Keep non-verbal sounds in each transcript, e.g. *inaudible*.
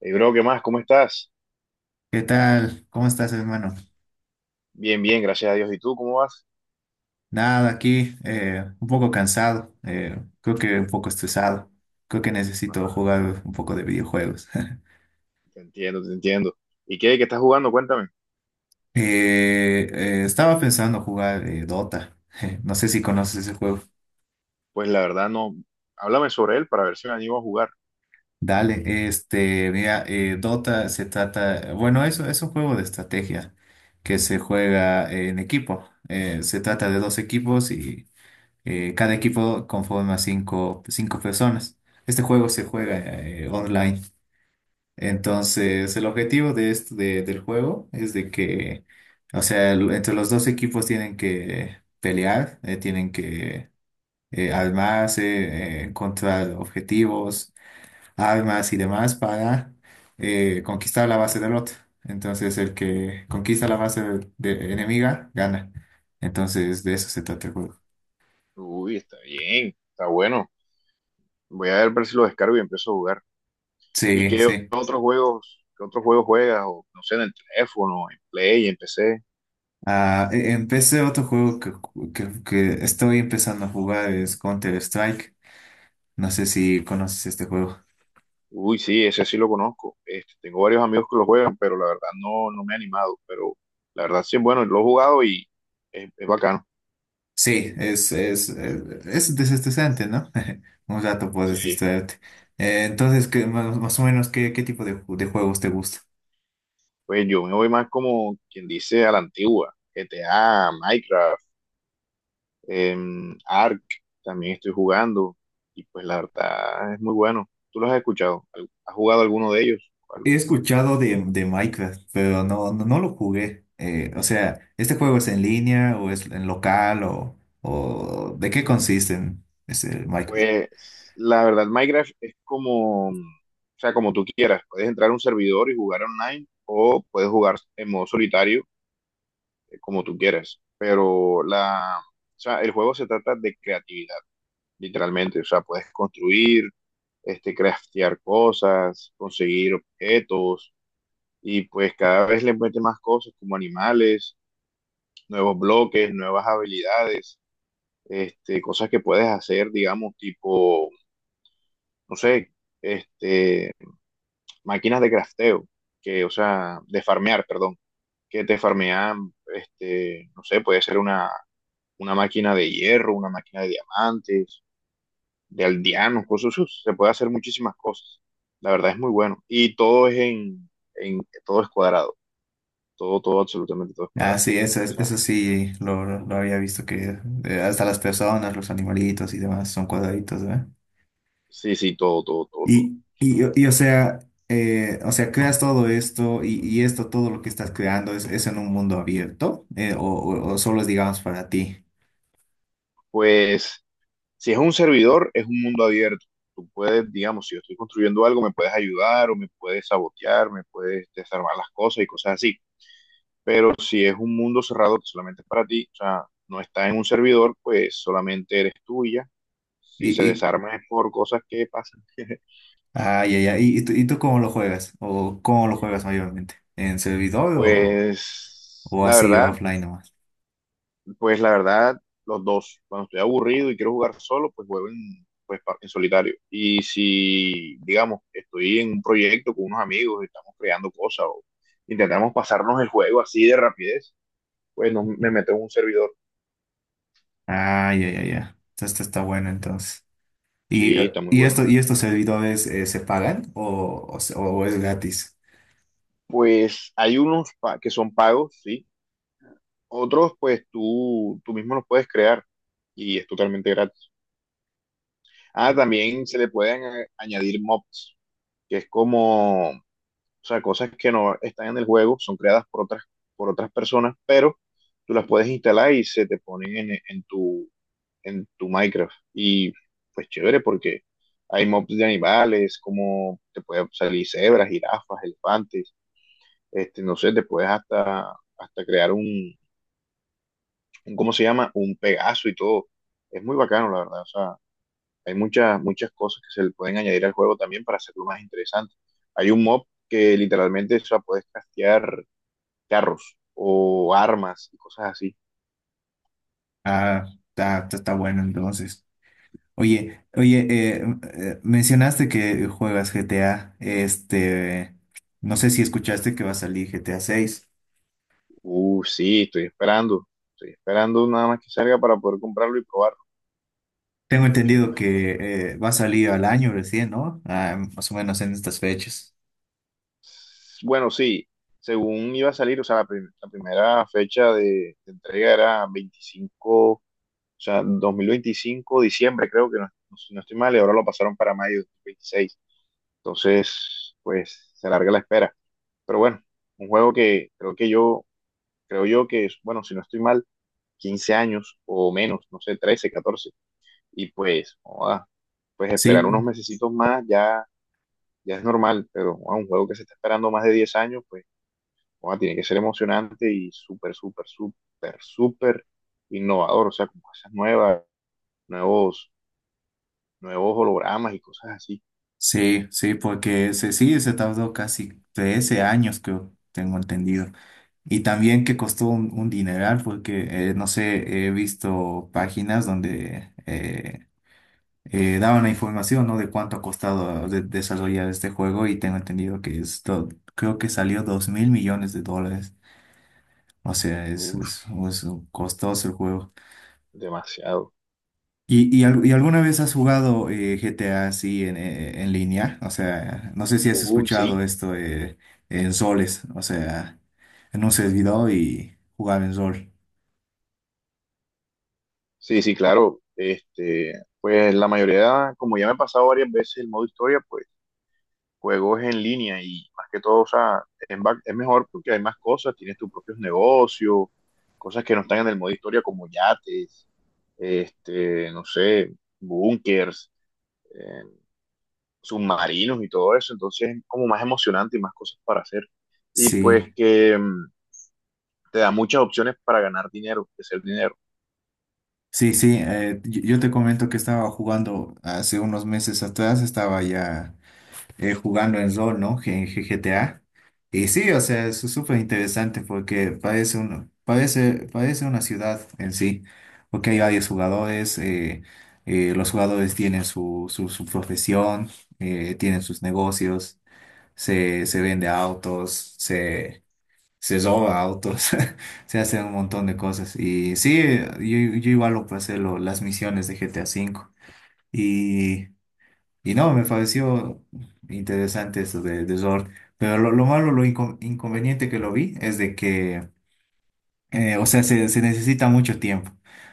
Hey, bro, ¿qué más? ¿Cómo estás? ¿Qué tal? ¿Cómo estás, hermano? Bien, bien, gracias a Dios. ¿Y tú cómo vas? Nada, aquí un poco cansado, creo que un poco estresado, creo que necesito Ah, jugar un poco de videojuegos. *laughs* te entiendo, te entiendo. ¿Y qué estás jugando? Cuéntame. Estaba pensando jugar Dota, *laughs* no sé si conoces ese juego. Pues la verdad no. Háblame sobre él para ver si me animo a jugar. Dale, mira, Dota se trata, bueno, eso es un juego de estrategia que se juega en equipo. Se trata de dos equipos y cada equipo conforma cinco personas. Este juego se juega online. Entonces, el objetivo de esto, del juego es de que, o sea, entre los dos equipos tienen que pelear, tienen que armarse, encontrar objetivos, armas y demás para conquistar la base del otro. Entonces, el que conquista la base de enemiga gana. Entonces, de eso se trata el juego. Uy, está bien, está bueno. Voy a ver si lo descargo y empiezo a jugar. ¿Y Sí, sí. Qué otros juegos juegas? O, no sé, en el teléfono, en Play, en PC. Ah, empecé otro juego que estoy empezando a jugar, es Counter-Strike. No sé si conoces este juego. Uy, sí, ese sí lo conozco. Este, tengo varios amigos que lo juegan, pero la verdad no me he animado. Pero la verdad sí, bueno, lo he jugado y es bacano. Sí, es desestresante, ¿no? *laughs* Un rato puedes Sí. distraerte. Entonces, más o menos, qué tipo de juegos te gusta? Pues yo me voy más como quien dice a la antigua, GTA, Minecraft, Ark, también estoy jugando y pues la verdad es muy bueno. ¿Tú los has escuchado? ¿Al- ¿Has jugado alguno de ellos? ¿Cuál? He escuchado de Minecraft, pero no lo jugué. O sea, ¿este juego es en línea o es en local o de qué consiste en, ese Minecraft? Pues la verdad Minecraft es como, o sea, como tú quieras. Puedes entrar a un servidor y jugar online o puedes jugar en modo solitario como tú quieras. Pero o sea, el juego se trata de creatividad. Literalmente. O sea, puedes construir, este, craftear cosas, conseguir objetos y pues cada vez le mete más cosas como animales, nuevos bloques, nuevas habilidades, este, cosas que puedes hacer, digamos, tipo, no sé, este, máquinas de crafteo, que, o sea, de farmear, perdón, que te farmean, este, no sé, puede ser una máquina de hierro, una máquina de diamantes de aldeanos, cosas, uf, se puede hacer muchísimas cosas. La verdad es muy bueno. Y todo es en, todo es cuadrado. Todo, todo, absolutamente todo es Ah, cuadrado. sí, O sea, eso sí, lo había visto que hasta las personas, los animalitos y demás son cuadraditos, ¿verdad? sí, sí, todo, todo, todo, todo. O sea, o sea, creas todo esto y esto, todo lo que estás creando, ¿es en un mundo abierto? ¿O solo es, digamos, para ti? Pues, si es un servidor, es un mundo abierto. Tú puedes, digamos, si yo estoy construyendo algo, me puedes ayudar o me puedes sabotear, me puedes desarmar las cosas y cosas así. Pero si es un mundo cerrado que solamente es para ti, o sea, no está en un servidor, pues solamente eres tuya. Si se ¿Y, desarma es por cosas que pasan. *laughs* Ah, ya, ya. ¿Y tú, cómo lo juegas? ¿O cómo lo juegas mayormente? ¿En servidor Pues o la así, o verdad, offline nomás? pues la verdad, los dos. Cuando estoy aburrido y quiero jugar solo, pues juego pues, en solitario. Y si, digamos, estoy en un proyecto con unos amigos y estamos creando cosas o intentamos pasarnos el juego así de rapidez, pues no, me meto en un servidor. Ah, ya, ya, ya. Esto está bueno entonces. ¿Y, Sí, eh, está muy y, bueno. esto, y estos servidores se pagan o es gratis? Pues hay unos que son pagos, sí. Otros, pues tú mismo los puedes crear y es totalmente gratis. Ah, también se le pueden añadir mobs, que es como. O sea, cosas que no están en el juego, son creadas por otras personas, pero tú las puedes instalar y se te ponen en tu Minecraft. Y pues chévere porque hay mobs de animales, como te pueden salir cebras, jirafas, elefantes, este, no sé, te puedes hasta, hasta crear un, ¿cómo se llama? Un Pegaso y todo. Es muy bacano, la verdad. O sea, hay muchas, muchas cosas que se le pueden añadir al juego también para hacerlo más interesante. Hay un mob que literalmente, o sea, puedes castear carros o armas y cosas así. Ah, está bueno entonces. Oye, oye, mencionaste que juegas GTA. No sé si escuchaste que va a salir GTA 6. Sí, estoy esperando. Estoy esperando nada más que salga para poder comprarlo y probarlo. Tengo Porque, entendido imagínate. que va a salir al año recién, ¿no? Ah, más o menos en estas fechas. Bueno, sí, según iba a salir, o sea, la primera fecha de entrega era 25, o sea, 2025 diciembre, creo que no, si no estoy mal, y ahora lo pasaron para mayo de 2026. Entonces, pues se alarga la espera. Pero bueno, un juego que creo que yo, creo yo que, es, bueno, si no estoy mal, 15 años o menos, no sé, 13 catorce. Y pues, joda, pues esperar Sí. unos mesecitos más ya, ya es normal, pero joda, un juego que se está esperando más de 10 años, pues joda, tiene que ser emocionante y súper, súper, súper, súper innovador, o sea, con cosas nuevas, nuevos, nuevos hologramas y cosas así. Sí, sí, porque se tardó casi 13 años, creo, tengo entendido. Y también que costó un dineral, porque, no sé, he visto páginas donde daban la información, ¿no? De cuánto ha costado desarrollar este juego y tengo entendido que esto, creo que salió 2.000 millones de dólares. O sea, Uf, es costoso el juego. demasiado. ¿Y alguna vez has jugado GTA así en línea? O sea, no sé si has Uy, escuchado sí, esto en soles, o sea, en un servidor y jugaba en sol. sí, sí, claro. Este, pues la mayoría, como ya me ha pasado varias veces el modo historia, pues juegos en línea y más que todo, o sea, es mejor porque hay más cosas, tienes tus propios negocios, cosas que no están en el modo historia como yates, este, no sé, búnkers, eh, submarinos y todo eso, entonces es como más emocionante y más cosas para hacer. Y pues Sí, que te da muchas opciones para ganar dinero, hacer dinero. sí, sí. Yo te comento que estaba jugando hace unos meses atrás, estaba ya. Jugando en rol, ¿no? GTA. Y sí, o sea, es súper interesante porque parece una ciudad en sí, porque hay varios jugadores, los jugadores tienen su profesión, tienen sus negocios, se vende autos, se roba autos, *laughs* se hacen un montón de cosas. Y sí, yo igual lo pasé las misiones de GTA y y no, me pareció interesante eso de Zord. Pero lo malo, inconveniente que lo vi es de que, o sea, se necesita mucho tiempo.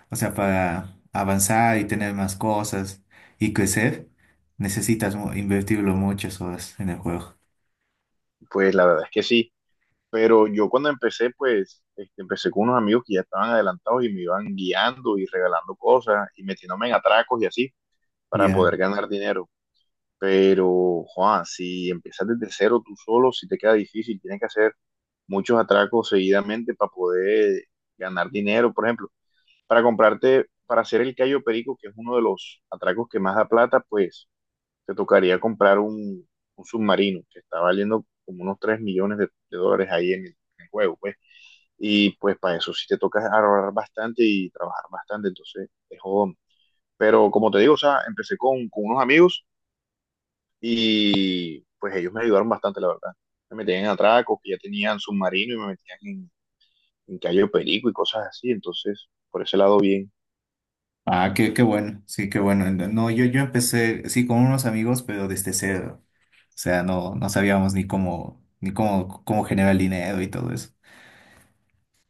O sea, para avanzar y tener más cosas y crecer, necesitas invertirlo muchas horas en el juego. Pues la verdad es que sí. Pero yo cuando empecé, pues este, empecé con unos amigos que ya estaban adelantados y me iban guiando y regalando cosas y metiéndome en atracos y así para Ya. poder ganar dinero. Pero, Juan, si empiezas desde cero tú solo, si te queda difícil, tienes que hacer muchos atracos seguidamente para poder ganar dinero. Por ejemplo, para comprarte, para hacer el callo perico, que es uno de los atracos que más da plata, pues te tocaría comprar un, submarino que está valiendo como unos 3 millones de dólares ahí en el juego, pues. Y pues para eso sí te toca ahorrar bastante y trabajar bastante, entonces es jodón. Pero como te digo, o sea, empecé con unos amigos. Y pues ellos me ayudaron bastante, la verdad. Me metían en atracos, que ya tenían submarino y me metían en Cayo Perico y cosas así. Entonces, por ese lado, bien. Ah, qué bueno. Sí, qué bueno. No, no, yo empecé, sí, con unos amigos, pero desde cero. O sea, no, no sabíamos ni cómo, ni cómo, cómo generar dinero y todo eso.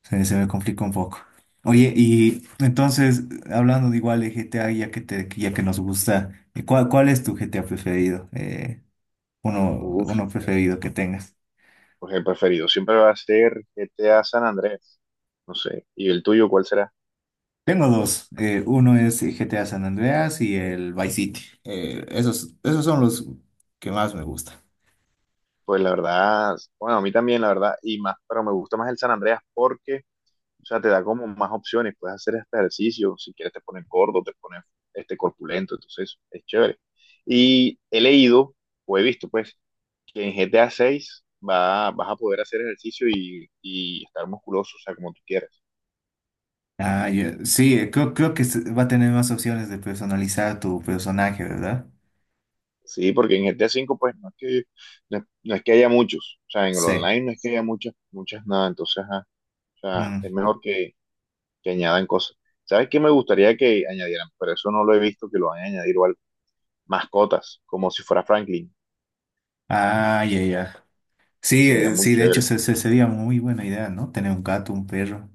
Se me complica un poco. Oye, y entonces, hablando de igual de GTA, ya que nos gusta, ¿cuál es tu GTA preferido? Uf, Uno pues, preferido que tengas. pues el preferido siempre va a ser GTA San Andrés. No sé. ¿Y el tuyo cuál será? Tengo dos. Uno es GTA San Andreas y el Vice City. Esos son los que más me gustan. Pues la verdad, bueno, a mí también, la verdad, y más, pero me gusta más el San Andreas porque, o sea, te da como más opciones. Puedes hacer este ejercicio, si quieres te pones gordo, te pones este corpulento, entonces es chévere. Y he leído, o he visto, pues, que en GTA 6 va, vas a poder hacer ejercicio y estar musculoso, o sea, como tú quieras. Ah, ya. Sí, creo que va a tener más opciones de personalizar tu personaje, ¿verdad? Sí, porque en GTA 5 pues no es que, no, es no es que haya muchos, o sea, en el Sí. online no es que haya muchas, muchas nada, entonces, ajá, o sea, es Mm. mejor que, añadan cosas. ¿Sabes qué me gustaría que añadieran? Pero eso no lo he visto que lo van a añadir o algo. Mascotas, como si fuera Franklin, Ah, ya, ya. Sí, sería muy de hecho chévere. Sería muy buena idea, ¿no? Tener un gato, un perro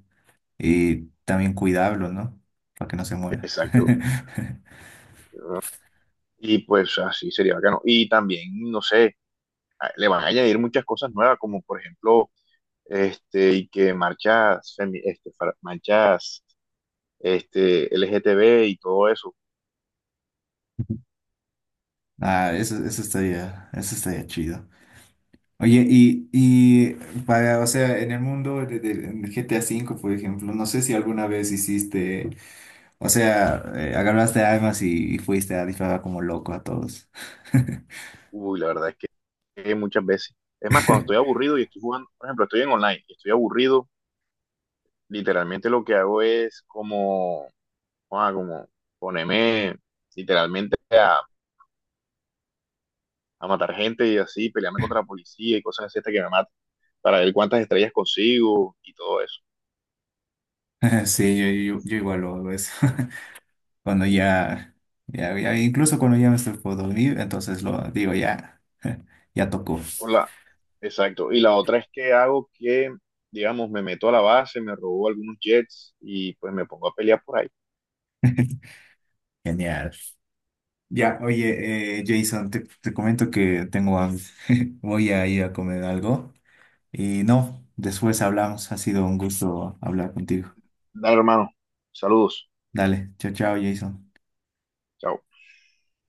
y también cuidarlo, ¿no? Para que no se muera. Exacto. *laughs* Y pues así sería bacano. Y también, no sé, le van a añadir muchas cosas nuevas, como por ejemplo este, y que marchas, este, marchas este, LGTB y todo eso. Ah, eso estaría chido. Oye, y para, o sea, en el mundo del GTA 5, por ejemplo, no sé si alguna vez hiciste, o sea, agarraste armas y fuiste a disparar como loco a todos. *laughs* Uy, la verdad es que muchas veces. Es más, cuando estoy aburrido y estoy jugando, por ejemplo, estoy en online y estoy aburrido, literalmente lo que hago es como, ah, como ponerme literalmente a matar gente y así, pelearme contra la policía y cosas así hasta que me maten, para ver cuántas estrellas consigo y todo eso. Sí, yo igual lo hago eso. Cuando ya, ya, ya- Incluso cuando ya me estoy por dormir, entonces lo digo ya, *laughs* ya tocó. Hola, exacto. Y la otra es que hago que, digamos, me meto a la base, me robo algunos jets y pues me pongo a pelear por ahí. Genial. Ya, oye, Jason, te comento que tengo hambre. *laughs* Voy a ir a comer algo. Y no, después hablamos. Ha sido un gusto hablar contigo. Dale, hermano. Saludos. Dale, chao, chao, Jason. Chao.